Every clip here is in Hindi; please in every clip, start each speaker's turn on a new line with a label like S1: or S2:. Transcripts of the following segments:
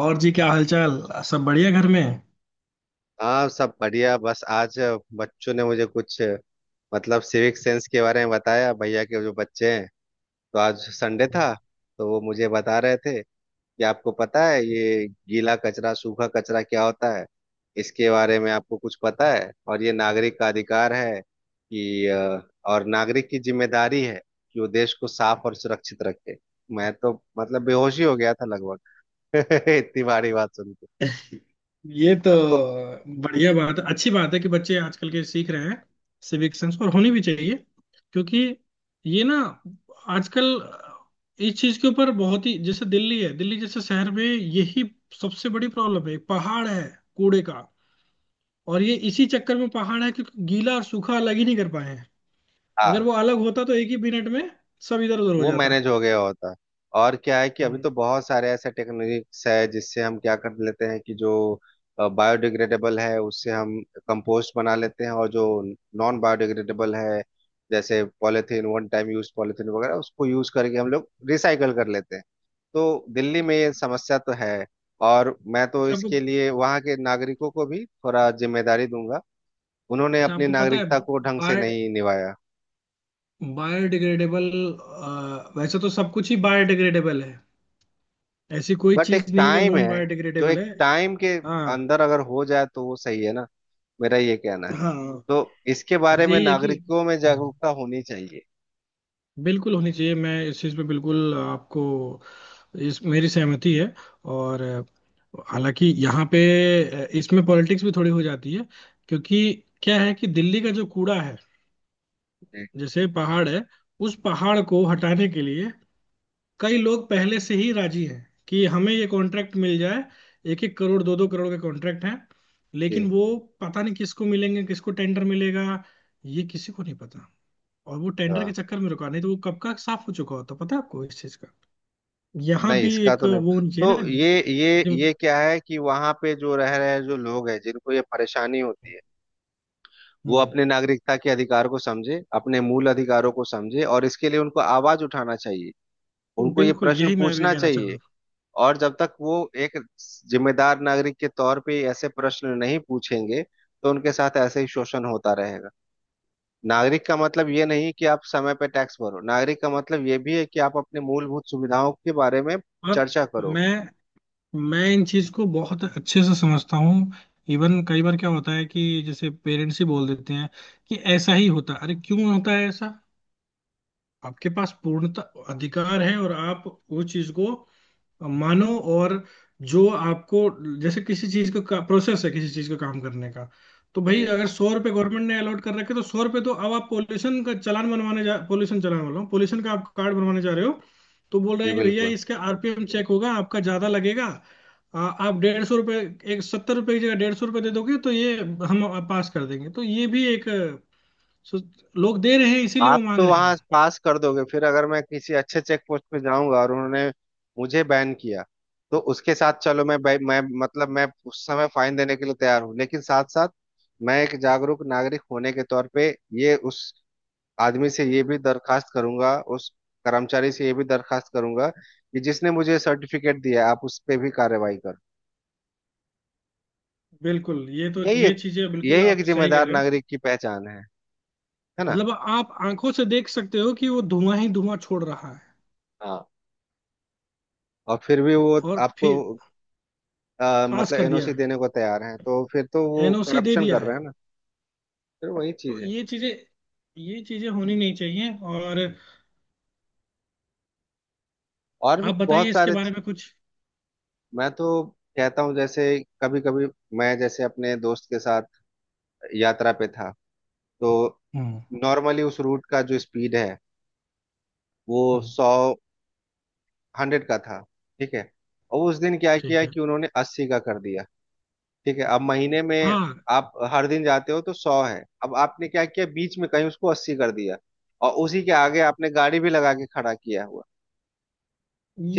S1: और जी, क्या हालचाल? सब बढ़िया, घर में।
S2: हाँ, सब बढ़िया। बस आज बच्चों ने मुझे कुछ मतलब सिविक सेंस के बारे में बताया। भैया के जो बच्चे हैं, तो आज संडे था, तो वो मुझे बता रहे थे कि आपको पता है ये गीला कचरा सूखा कचरा क्या होता है, इसके बारे में आपको कुछ पता है। और ये नागरिक का अधिकार है कि और नागरिक की जिम्मेदारी है कि वो देश को साफ और सुरक्षित रखे। मैं तो मतलब बेहोश ही हो गया था लगभग इतनी भारी बात सुन के।
S1: ये तो
S2: आपको
S1: बढ़िया बात है, अच्छी बात है कि बच्चे आजकल के सीख रहे हैं सिविक सेंस, और होनी भी चाहिए। क्योंकि ये ना आजकल इस चीज के ऊपर बहुत ही, जैसे दिल्ली है, दिल्ली जैसे शहर में यही सबसे बड़ी प्रॉब्लम है, पहाड़ है कूड़े का। और ये इसी चक्कर में पहाड़ है क्योंकि गीला और सूखा अलग ही नहीं कर पाए हैं। अगर
S2: हाँ,
S1: वो अलग होता तो एक ही मिनट में सब इधर उधर हो
S2: वो
S1: जाता।
S2: मैनेज हो गया होता। और क्या है कि अभी
S1: हम्म।
S2: तो बहुत सारे ऐसे टेक्निक्स है जिससे हम क्या कर लेते हैं कि जो बायोडिग्रेडेबल है उससे हम कंपोस्ट बना लेते हैं, और जो नॉन बायोडिग्रेडेबल है जैसे polythene one time use polythene वगैरह उसको यूज करके हम लोग रिसाइकल कर लेते हैं। तो दिल्ली में ये समस्या तो है। और मैं तो
S1: अच्छा आपको
S2: इसके लिए वहाँ के नागरिकों को भी थोड़ा जिम्मेदारी दूंगा, उन्होंने
S1: अच्छा
S2: अपनी
S1: आपको पता है।
S2: नागरिकता को ढंग से
S1: बाय
S2: नहीं निभाया।
S1: बायोडिग्रेडेबल, वैसे तो सब कुछ ही बायोडिग्रेडेबल है। ऐसी कोई
S2: बट
S1: चीज
S2: एक
S1: नहीं है जो
S2: टाइम
S1: नॉन
S2: है, जो
S1: बायोडिग्रेडेबल
S2: एक
S1: है।
S2: टाइम के
S1: हाँ
S2: अंदर अगर हो जाए तो वो सही है ना, मेरा ये कहना है।
S1: हाँ।
S2: तो इसके बारे
S1: बस
S2: में
S1: यही है कि,
S2: नागरिकों में
S1: हम्म।
S2: जागरूकता होनी चाहिए।
S1: बिल्कुल होनी चाहिए, मैं इस चीज पे बिल्कुल आपको, इस, मेरी सहमति है। और हालांकि यहाँ पे इसमें पॉलिटिक्स भी थोड़ी हो जाती है। क्योंकि क्या है कि दिल्ली का जो कूड़ा है,
S2: जी
S1: जैसे पहाड़ है, उस पहाड़ को हटाने के लिए कई लोग पहले से ही राजी हैं कि हमें ये कॉन्ट्रैक्ट मिल जाए। एक एक करोड़, दो दो करोड़ के कॉन्ट्रैक्ट हैं। लेकिन
S2: जी,
S1: वो, पता नहीं किसको मिलेंगे, किसको टेंडर मिलेगा, ये किसी को नहीं पता। और वो टेंडर के
S2: हाँ।
S1: चक्कर में रुका, नहीं तो वो कब का साफ हो चुका होता। पता है आपको इस चीज का? यहाँ
S2: नहीं,
S1: भी
S2: इसका
S1: एक
S2: तो नहीं।
S1: वो होनी चाहिए ना।
S2: तो ये ये
S1: जिम-
S2: ये क्या है कि वहां पे जो रह रहे जो लोग हैं जिनको ये परेशानी होती है, वो
S1: हम्म।
S2: अपने नागरिकता के अधिकार को समझे, अपने मूल अधिकारों को समझे, और इसके लिए उनको आवाज उठाना चाहिए, उनको ये
S1: बिल्कुल
S2: प्रश्न
S1: यही मैं भी
S2: पूछना
S1: कहना चाह
S2: चाहिए।
S1: रहा
S2: और जब तक वो एक जिम्मेदार नागरिक के तौर पे ऐसे प्रश्न नहीं पूछेंगे, तो उनके साथ ऐसे ही शोषण होता रहेगा। नागरिक का मतलब ये नहीं कि आप समय पे टैक्स भरो, नागरिक का मतलब ये भी है कि आप अपने मूलभूत सुविधाओं के बारे में
S1: हूँ। और
S2: चर्चा करो।
S1: मैं मैं इन चीज को बहुत अच्छे से समझता हूँ। इवन कई बार क्या होता है कि जैसे पेरेंट्स ही बोल देते हैं कि ऐसा ही होता है, अरे क्यों होता है ऐसा। आपके पास पूर्णतः अधिकार है और आप उस चीज को मानो, और जो आपको, जैसे किसी चीज का प्रोसेस है, किसी चीज का काम करने का। तो भाई,
S2: जी।
S1: अगर 100 रुपए गवर्नमेंट ने अलॉट कर रखे तो 100 रुपए। तो अब आप पोल्यूशन का चालान बनवाने जा, पोल्यूशन चालान बोल रहा हूँ, पोल्यूशन का आप कार्ड बनवाने जा रहे हो। तो बोल रहा
S2: जी
S1: है कि भैया
S2: बिल्कुल।
S1: इसका आरपीएम चेक होगा, आपका ज्यादा लगेगा। आप 150 रुपये, 170 रुपये की जगह 150 रुपये दे दोगे तो ये हम पास कर देंगे। तो ये भी एक, सो- लोग दे रहे हैं इसीलिए वो
S2: आप
S1: मांग
S2: तो
S1: रहे
S2: वहां
S1: हैं।
S2: पास कर दोगे, फिर अगर मैं किसी अच्छे चेक पोस्ट पे जाऊंगा और उन्होंने मुझे बैन किया, तो उसके साथ चलो मैं बै- मैं मतलब मैं उस समय फाइन देने के लिए तैयार हूँ, लेकिन साथ साथ मैं एक जागरूक नागरिक होने के तौर पे ये उस आदमी से ये भी दरखास्त करूंगा, उस कर्मचारी से ये भी दरखास्त करूंगा कि जिसने मुझे सर्टिफिकेट दिया, आप उस पे भी कार्रवाई करो।
S1: बिल्कुल, ये तो
S2: यही
S1: ये
S2: एक
S1: चीजें बिल्कुल
S2: यही
S1: आप
S2: एक
S1: सही कह
S2: जिम्मेदार
S1: रहे हो।
S2: नागरिक की पहचान है ना।
S1: मतलब आप आंखों से देख सकते हो कि वो धुआं ही धुआं छोड़ रहा है,
S2: हाँ। और फिर भी वो
S1: और
S2: आपको
S1: फिर पास
S2: मतलब
S1: कर दिया
S2: एनओसी
S1: है,
S2: देने को तैयार हैं, तो फिर तो वो
S1: एनओसी दे
S2: करप्शन
S1: दिया
S2: कर
S1: है।
S2: रहे हैं ना। फिर वही
S1: तो
S2: चीज है।
S1: ये चीजें, ये चीजें होनी नहीं चाहिए। और
S2: और भी
S1: आप बताइए
S2: बहुत
S1: इसके
S2: सारे।
S1: बारे में कुछ।
S2: मैं तो कहता हूँ जैसे कभी कभी मैं जैसे अपने दोस्त के साथ यात्रा पे था, तो
S1: हम्म
S2: नॉर्मली उस रूट का जो स्पीड है वो
S1: हम्म।
S2: 100 का था, ठीक है। और उस दिन क्या
S1: ठीक
S2: किया
S1: है।
S2: कि उन्होंने 80 का कर दिया। ठीक है, अब महीने में
S1: हाँ,
S2: आप हर दिन जाते हो तो 100 है, अब आपने क्या किया बीच में कहीं उसको 80 कर दिया, और उसी के आगे आपने गाड़ी भी लगा के खड़ा किया हुआ।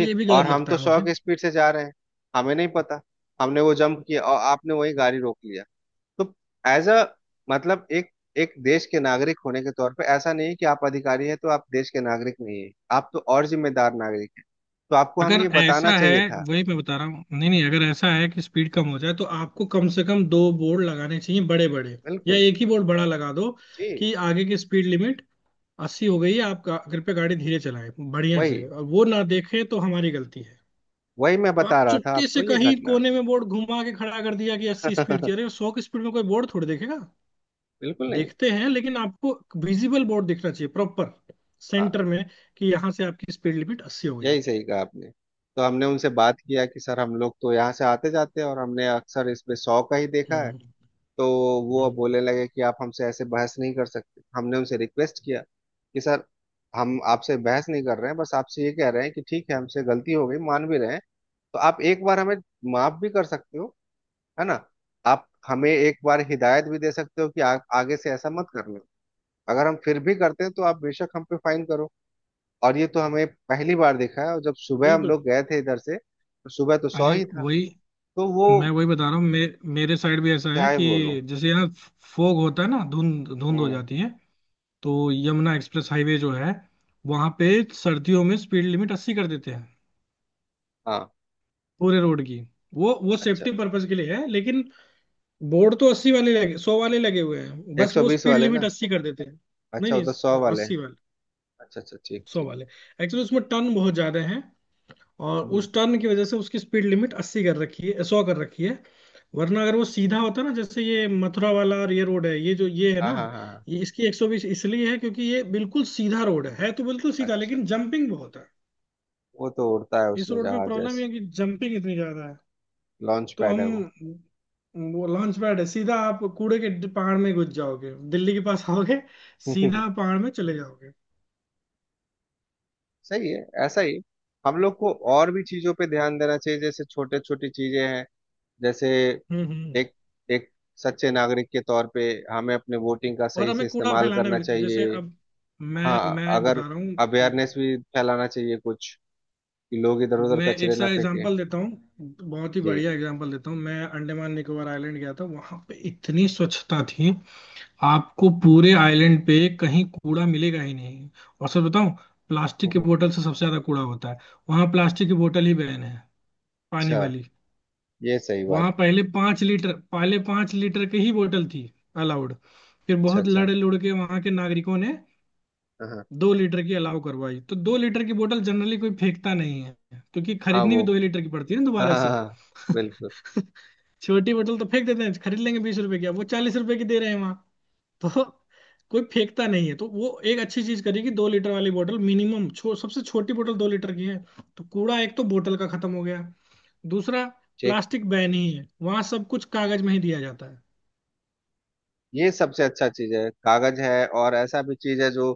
S1: ये भी गलत
S2: और हम
S1: लगता
S2: तो
S1: है
S2: 100
S1: मुझे।
S2: की स्पीड से जा रहे हैं, हमें नहीं पता, हमने वो जंप किया और आपने वही गाड़ी रोक लिया। तो एज अ मतलब एक एक देश के नागरिक होने के तौर पे, ऐसा नहीं है कि आप अधिकारी हैं तो आप देश के नागरिक नहीं है, आप तो और जिम्मेदार नागरिक हैं, तो आपको
S1: अगर
S2: हमें ये
S1: ऐसा
S2: बताना
S1: है,
S2: चाहिए था।
S1: वही मैं बता रहा हूँ, नहीं नहीं, अगर ऐसा है कि स्पीड कम हो जाए तो आपको कम से कम दो बोर्ड लगाने चाहिए, बड़े बड़े। या
S2: बिल्कुल।
S1: एक ही बोर्ड बड़ा लगा दो
S2: जी,
S1: कि आगे की स्पीड लिमिट 80 हो गई है, आप कृपया गाड़ी धीरे चलाएं बढ़िया से,
S2: वही
S1: और वो ना देखे तो हमारी गलती है।
S2: वही मैं
S1: तो आप
S2: बता रहा था
S1: चुपके
S2: आपको
S1: से
S2: ये
S1: कहीं
S2: घटना।
S1: कोने में बोर्ड घुमा के खड़ा कर दिया कि 80 स्पीड की, अरे 100 की स्पीड में कोई बोर्ड थोड़ी देखेगा।
S2: बिल्कुल नहीं।
S1: देखते हैं, लेकिन आपको विजिबल बोर्ड दिखना चाहिए, प्रॉपर,
S2: हाँ,
S1: सेंटर में, कि यहाँ से आपकी स्पीड लिमिट अस्सी हो गई है।
S2: यही सही कहा आपने। तो हमने उनसे बात किया कि सर हम लोग तो यहाँ से आते जाते हैं और हमने अक्सर इसमें 100 का ही देखा है।
S1: हम्म
S2: तो वो अब
S1: हम्म।
S2: बोलने लगे कि आप हमसे ऐसे बहस नहीं कर सकते, हमने उनसे रिक्वेस्ट किया कि सर हम आपसे बहस नहीं कर रहे हैं, बस आपसे ये कह रहे हैं कि ठीक है हमसे गलती हो गई, मान भी रहे हैं। तो आप एक बार हमें माफ भी कर सकते हो, है ना। आप हमें एक बार हिदायत भी दे सकते हो कि आगे से ऐसा मत करना, अगर हम फिर भी करते हैं तो आप बेशक हम पे फाइन करो। और ये तो हमें पहली बार दिखा है, और जब सुबह हम
S1: बिल्कुल।
S2: लोग गए थे इधर से तो सुबह तो 100
S1: अरे
S2: ही था।
S1: वही,
S2: तो वो
S1: मैं वही बता रहा हूँ, मेरे साइड भी ऐसा
S2: क्या
S1: है
S2: ही बोलूं।
S1: कि जैसे यहाँ फोग होता है ना, धुंध धुंध हो
S2: हम्म।
S1: जाती है। तो यमुना एक्सप्रेस हाईवे जो है, वहां पे सर्दियों में स्पीड लिमिट अस्सी कर देते हैं
S2: हाँ।
S1: पूरे रोड की। वो
S2: अच्छा।
S1: सेफ्टी पर्पज के लिए है, लेकिन बोर्ड तो 80 वाले लगे, 100 वाले लगे हुए हैं,
S2: एक
S1: बस
S2: सौ
S1: वो
S2: बीस
S1: स्पीड
S2: वाले
S1: लिमिट
S2: ना।
S1: अस्सी कर देते हैं। नहीं
S2: अच्छा
S1: नहीं,
S2: उधर 100 वाले हैं।
S1: 80 वाले,
S2: अच्छा अच्छा, ठीक
S1: 100
S2: ठीक।
S1: वाले। एक्चुअली उसमें टर्न बहुत ज्यादा है, और
S2: हम्म।
S1: उस टर्न की वजह से उसकी स्पीड लिमिट अस्सी कर रखी है, 100 कर रखी है। वरना अगर वो सीधा होता ना, जैसे ये मथुरा वाला, और ये रोड है, ये जो ये है
S2: हाँ
S1: ना,
S2: हाँ हाँ हाँ,
S1: ये इसकी 120 इसलिए है क्योंकि ये बिल्कुल सीधा रोड है तो बिल्कुल सीधा
S2: अच्छा।
S1: लेकिन जंपिंग बहुत है।
S2: वो तो उड़ता है
S1: इस
S2: उसमें
S1: रोड में
S2: जहाज
S1: प्रॉब्लम
S2: जैसे।
S1: ये है कि जंपिंग इतनी ज्यादा है।
S2: लॉन्च
S1: तो
S2: पैड है
S1: हम,
S2: वो।
S1: वो लॉन्च पैड है, सीधा आप कूड़े के पहाड़ में घुस जाओगे, दिल्ली के पास आओगे सीधा पहाड़ में चले जाओगे।
S2: सही है, ऐसा ही। हम लोग को और भी चीजों पे ध्यान देना चाहिए, जैसे छोटे छोटी चीजें हैं। जैसे
S1: हम्म।
S2: एक एक सच्चे नागरिक के तौर पे हमें अपने वोटिंग का
S1: और
S2: सही से
S1: हमें कूड़ा
S2: इस्तेमाल
S1: फैलाना भी
S2: करना
S1: नहीं, जैसे
S2: चाहिए।
S1: अब मैं
S2: हाँ,
S1: मैं
S2: अगर
S1: बता रहा हूँ।
S2: अवेयरनेस भी फैलाना चाहिए कुछ कि लोग इधर
S1: अब
S2: उधर
S1: मैं एक
S2: कचरे ना
S1: सा
S2: फेंके।
S1: एग्जांपल देता हूँ, बहुत ही
S2: जी।
S1: बढ़िया एग्जांपल देता हूँ। मैं अंडमान निकोबार आइलैंड गया था, वहां पे इतनी स्वच्छता थी, आपको पूरे आइलैंड पे कहीं कूड़ा मिलेगा ही नहीं। और सर बताऊं, प्लास्टिक की
S2: हम्म,
S1: बोतल से सबसे ज्यादा कूड़ा होता है, वहां प्लास्टिक की बोतल ही बैन है, पानी
S2: अच्छा।
S1: वाली।
S2: ये सही बात।
S1: वहां पहले 5 लीटर, पहले 5 लीटर की ही बोतल थी अलाउड। फिर
S2: अच्छा
S1: बहुत
S2: अच्छा।
S1: लड़ लुड़ के वहां के नागरिकों ने
S2: हाँ हाँ
S1: 2 लीटर की अलाउ करवाई, तो 2 लीटर की बोतल जनरली कोई फेंकता नहीं है, क्योंकि
S2: हाँ,
S1: खरीदनी भी
S2: वो
S1: दो ही लीटर की पड़ती है ना
S2: हाँ
S1: दोबारा
S2: हाँ हाँ,
S1: से।
S2: हाँ, बिल्कुल।
S1: छोटी बोतल तो फेंक देते हैं, खरीद लेंगे 20 रुपए की, अब वो 40 रुपए की दे रहे हैं वहां। तो कोई फेंकता नहीं है। तो वो एक अच्छी चीज करी कि 2 लीटर वाली बोतल मिनिमम, सबसे छोटी बोतल 2 लीटर की है। तो कूड़ा एक तो बोतल का खत्म हो गया। दूसरा,
S2: ठीक।
S1: प्लास्टिक बैन ही है वहां, सब कुछ कागज में ही दिया जाता है।
S2: ये सबसे अच्छा चीज है कागज है, और ऐसा भी चीज है जो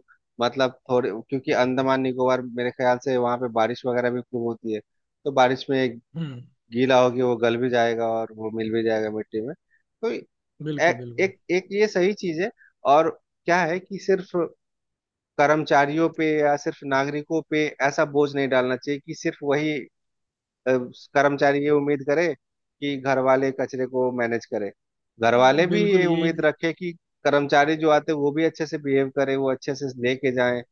S2: मतलब थोड़े क्योंकि अंडमान निकोबार मेरे ख्याल से वहां पे बारिश वगैरह भी खूब होती है, तो बारिश में
S1: हम्म।
S2: गीला होगी वो गल भी जाएगा और वो मिल भी जाएगा मिट्टी में। तो
S1: बिल्कुल बिल्कुल।
S2: एक एक ये सही चीज है। और क्या है कि सिर्फ कर्मचारियों पे या सिर्फ नागरिकों पे ऐसा बोझ नहीं डालना चाहिए कि सिर्फ वही अ, कर्मचारी ये उम्मीद करे कि घर वाले कचरे को मैनेज करे, घर वाले भी ये
S1: बिल्कुल ये
S2: उम्मीद रखे कि कर्मचारी जो आते हैं वो भी अच्छे से बिहेव करे, वो अच्छे से लेके जाए।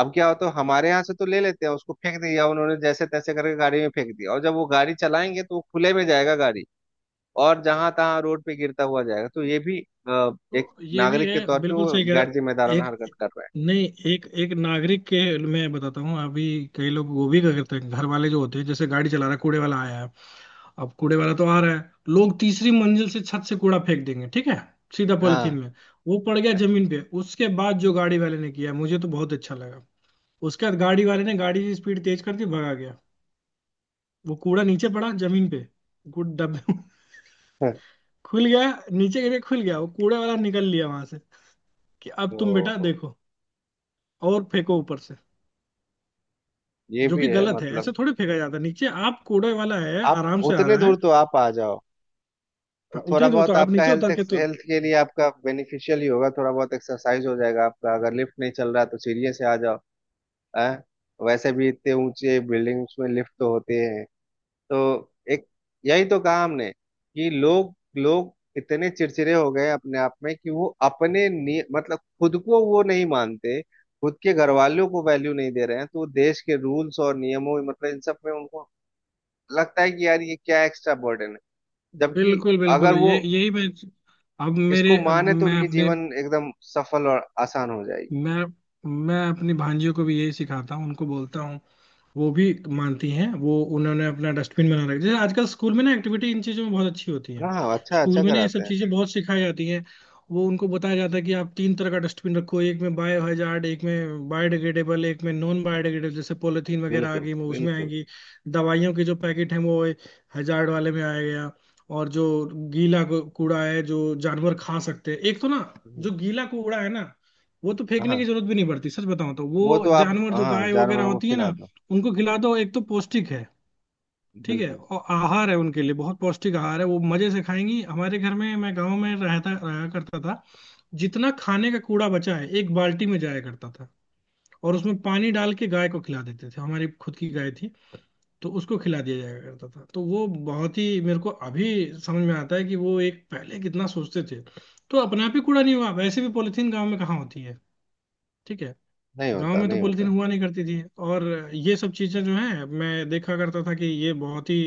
S2: अब क्या होता है हमारे यहाँ से तो ले लेते हैं, उसको फेंक दिया उन्होंने जैसे तैसे करके गाड़ी में फेंक दिया, और जब वो गाड़ी चलाएंगे तो वो खुले में जाएगा गाड़ी, और जहां तहां रोड पे गिरता हुआ जाएगा। तो ये भी अ, एक
S1: तो, ये भी
S2: नागरिक के
S1: है।
S2: तौर पे
S1: बिल्कुल
S2: वो
S1: सही कह रहे
S2: गैर
S1: हो।
S2: जिम्मेदाराना
S1: एक,
S2: हरकत कर रहा
S1: नहीं, एक एक नागरिक के, मैं बताता हूँ अभी। कई लोग वो भी क्या करते हैं, घर वाले जो होते हैं, जैसे गाड़ी चला रहा है, कूड़े वाला आया है। अब कूड़े वाला तो आ रहा है, लोग तीसरी मंजिल से, छत से कूड़ा फेंक देंगे, ठीक है, सीधा
S2: है।
S1: पॉलिथीन
S2: हाँ।
S1: में। वो पड़ गया
S2: अच्छा।
S1: जमीन पे, उसके बाद जो गाड़ी वाले ने किया मुझे तो बहुत अच्छा लगा। उसके बाद गाड़ी वाले ने गाड़ी की स्पीड तेज कर दी, भगा गया। वो कूड़ा नीचे पड़ा जमीन पे, गुड डब्बे में खुल गया, नीचे गिरे खुल गया। वो कूड़े वाला निकल लिया वहां से, कि अब
S2: ओ,
S1: तुम बेटा
S2: हो।
S1: देखो और फेंको ऊपर से।
S2: ये
S1: जो
S2: भी
S1: कि
S2: है
S1: गलत है,
S2: मतलब।
S1: ऐसे थोड़ी फेंका जाता है नीचे, आप, कूड़े वाला है
S2: आप
S1: आराम से आ
S2: उतने
S1: रहा है।
S2: दूर तो आप आ जाओ, तो
S1: हाँ,
S2: थोड़ा
S1: उतनी दूर तो
S2: बहुत
S1: आप
S2: आपका
S1: नीचे
S2: हेल्थ
S1: उतर के तो।
S2: हेल्थ के लिए आपका बेनिफिशियल ही होगा, थोड़ा बहुत एक्सरसाइज हो जाएगा आपका। अगर लिफ्ट नहीं चल रहा है तो सीढ़ियों से आ जाओ, हैं वैसे भी इतने ऊंचे बिल्डिंग्स में लिफ्ट तो होते हैं। तो एक यही तो कहा हमने कि लोग लोग इतने चिड़चिड़े हो गए अपने आप में, कि वो अपने मतलब खुद को वो नहीं मानते, खुद के घर वालों को वैल्यू नहीं दे रहे हैं, तो देश के रूल्स और नियमों मतलब इन सब में उनको लगता है कि यार ये क्या एक्स्ट्रा बर्डन है। जबकि
S1: बिल्कुल
S2: अगर
S1: बिल्कुल,
S2: वो
S1: ये यही मैं,
S2: इसको
S1: अब
S2: माने तो
S1: मैं
S2: उनकी
S1: अपने
S2: जीवन एकदम सफल और आसान हो जाएगी।
S1: मैं मैं अपनी भांजियों को भी यही सिखाता हूँ, उनको बोलता हूँ। वो भी मानती हैं, वो उन्होंने अपना डस्टबिन बना रखा, जैसे आजकल स्कूल में ना एक्टिविटी इन चीज़ों में बहुत अच्छी होती है।
S2: हाँ हाँ, अच्छा
S1: स्कूल
S2: अच्छा
S1: में ना ये
S2: कराते
S1: सब
S2: हैं।
S1: चीज़ें बहुत सिखाई जाती हैं। वो उनको बताया जाता है कि आप तीन तरह का डस्टबिन रखो, एक में बायो हजार्ड, एक में बायोडिग्रेडेबल, एक में नॉन बायोडिग्रेडेबल, जैसे पॉलीथीन वगैरह आ
S2: बिल्कुल
S1: गई वो उसमें
S2: बिल्कुल।
S1: आएगी। दवाइयों के जो पैकेट हैं वो हजार्ड वाले में आ गया। और जो गीला कूड़ा है, जो जानवर खा सकते हैं, एक तो ना,
S2: हम्म,
S1: जो गीला कूड़ा है ना, वो तो फेंकने की
S2: हाँ,
S1: जरूरत भी नहीं पड़ती सच बताऊं, तो
S2: वो
S1: वो
S2: तो आप
S1: जानवर जो
S2: हाँ
S1: गाय वगैरह
S2: जानवरों को
S1: होती है ना,
S2: खिला दो।
S1: उनको खिला दो, एक तो पौष्टिक है, ठीक है,
S2: बिल्कुल।
S1: और आहार है उनके लिए, बहुत पौष्टिक आहार है, वो मजे से खाएंगी। हमारे घर में, मैं गांव में रहता रहा करता था, जितना खाने का कूड़ा बचा है एक बाल्टी में जाया करता था। और उसमें पानी डाल के गाय को खिला देते थे, हमारी खुद की गाय थी, तो उसको खिला दिया जाया करता था। तो वो बहुत ही, मेरे को अभी समझ में आता है कि वो एक, पहले कितना सोचते थे। तो अपने आप ही कूड़ा नहीं हुआ, वैसे भी पॉलिथीन गाँव में कहाँ होती है, ठीक है।
S2: नहीं
S1: गांव
S2: होता,
S1: में तो
S2: नहीं
S1: पॉलिथीन
S2: होता।
S1: हुआ नहीं करती थी। और ये सब चीजें जो हैं, मैं देखा करता था कि ये बहुत ही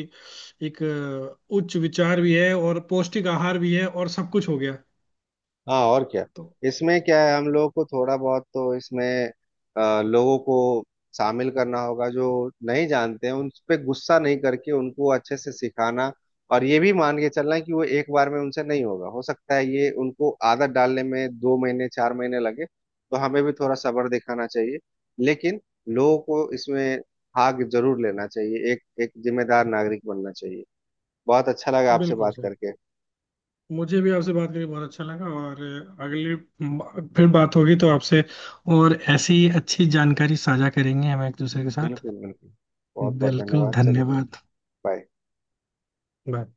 S1: एक, उच्च विचार भी है, और पौष्टिक आहार भी है, और सब कुछ हो गया।
S2: हाँ, और क्या।
S1: तो
S2: इसमें क्या है हम लोगों को थोड़ा बहुत तो इसमें लोगों को शामिल करना होगा, जो नहीं जानते हैं उन पे गुस्सा नहीं करके उनको अच्छे से सिखाना। और ये भी मान के चलना कि वो एक बार में उनसे नहीं होगा, हो सकता है ये उनको आदत डालने में 2 महीने 4 महीने लगे, तो हमें भी थोड़ा सब्र दिखाना चाहिए। लेकिन लोगों को इसमें भाग जरूर लेना चाहिए, एक एक जिम्मेदार नागरिक बनना चाहिए। बहुत अच्छा लगा आपसे
S1: बिल्कुल
S2: बात
S1: सर,
S2: करके।
S1: मुझे भी आपसे बात करके बहुत अच्छा लगा। और फिर बात होगी तो आपसे, और ऐसी ही अच्छी जानकारी साझा करेंगे हम एक दूसरे के साथ।
S2: बिल्कुल बिल्कुल, बहुत बहुत
S1: बिल्कुल,
S2: धन्यवाद। चलिए,
S1: धन्यवाद।
S2: बाय।
S1: बाय।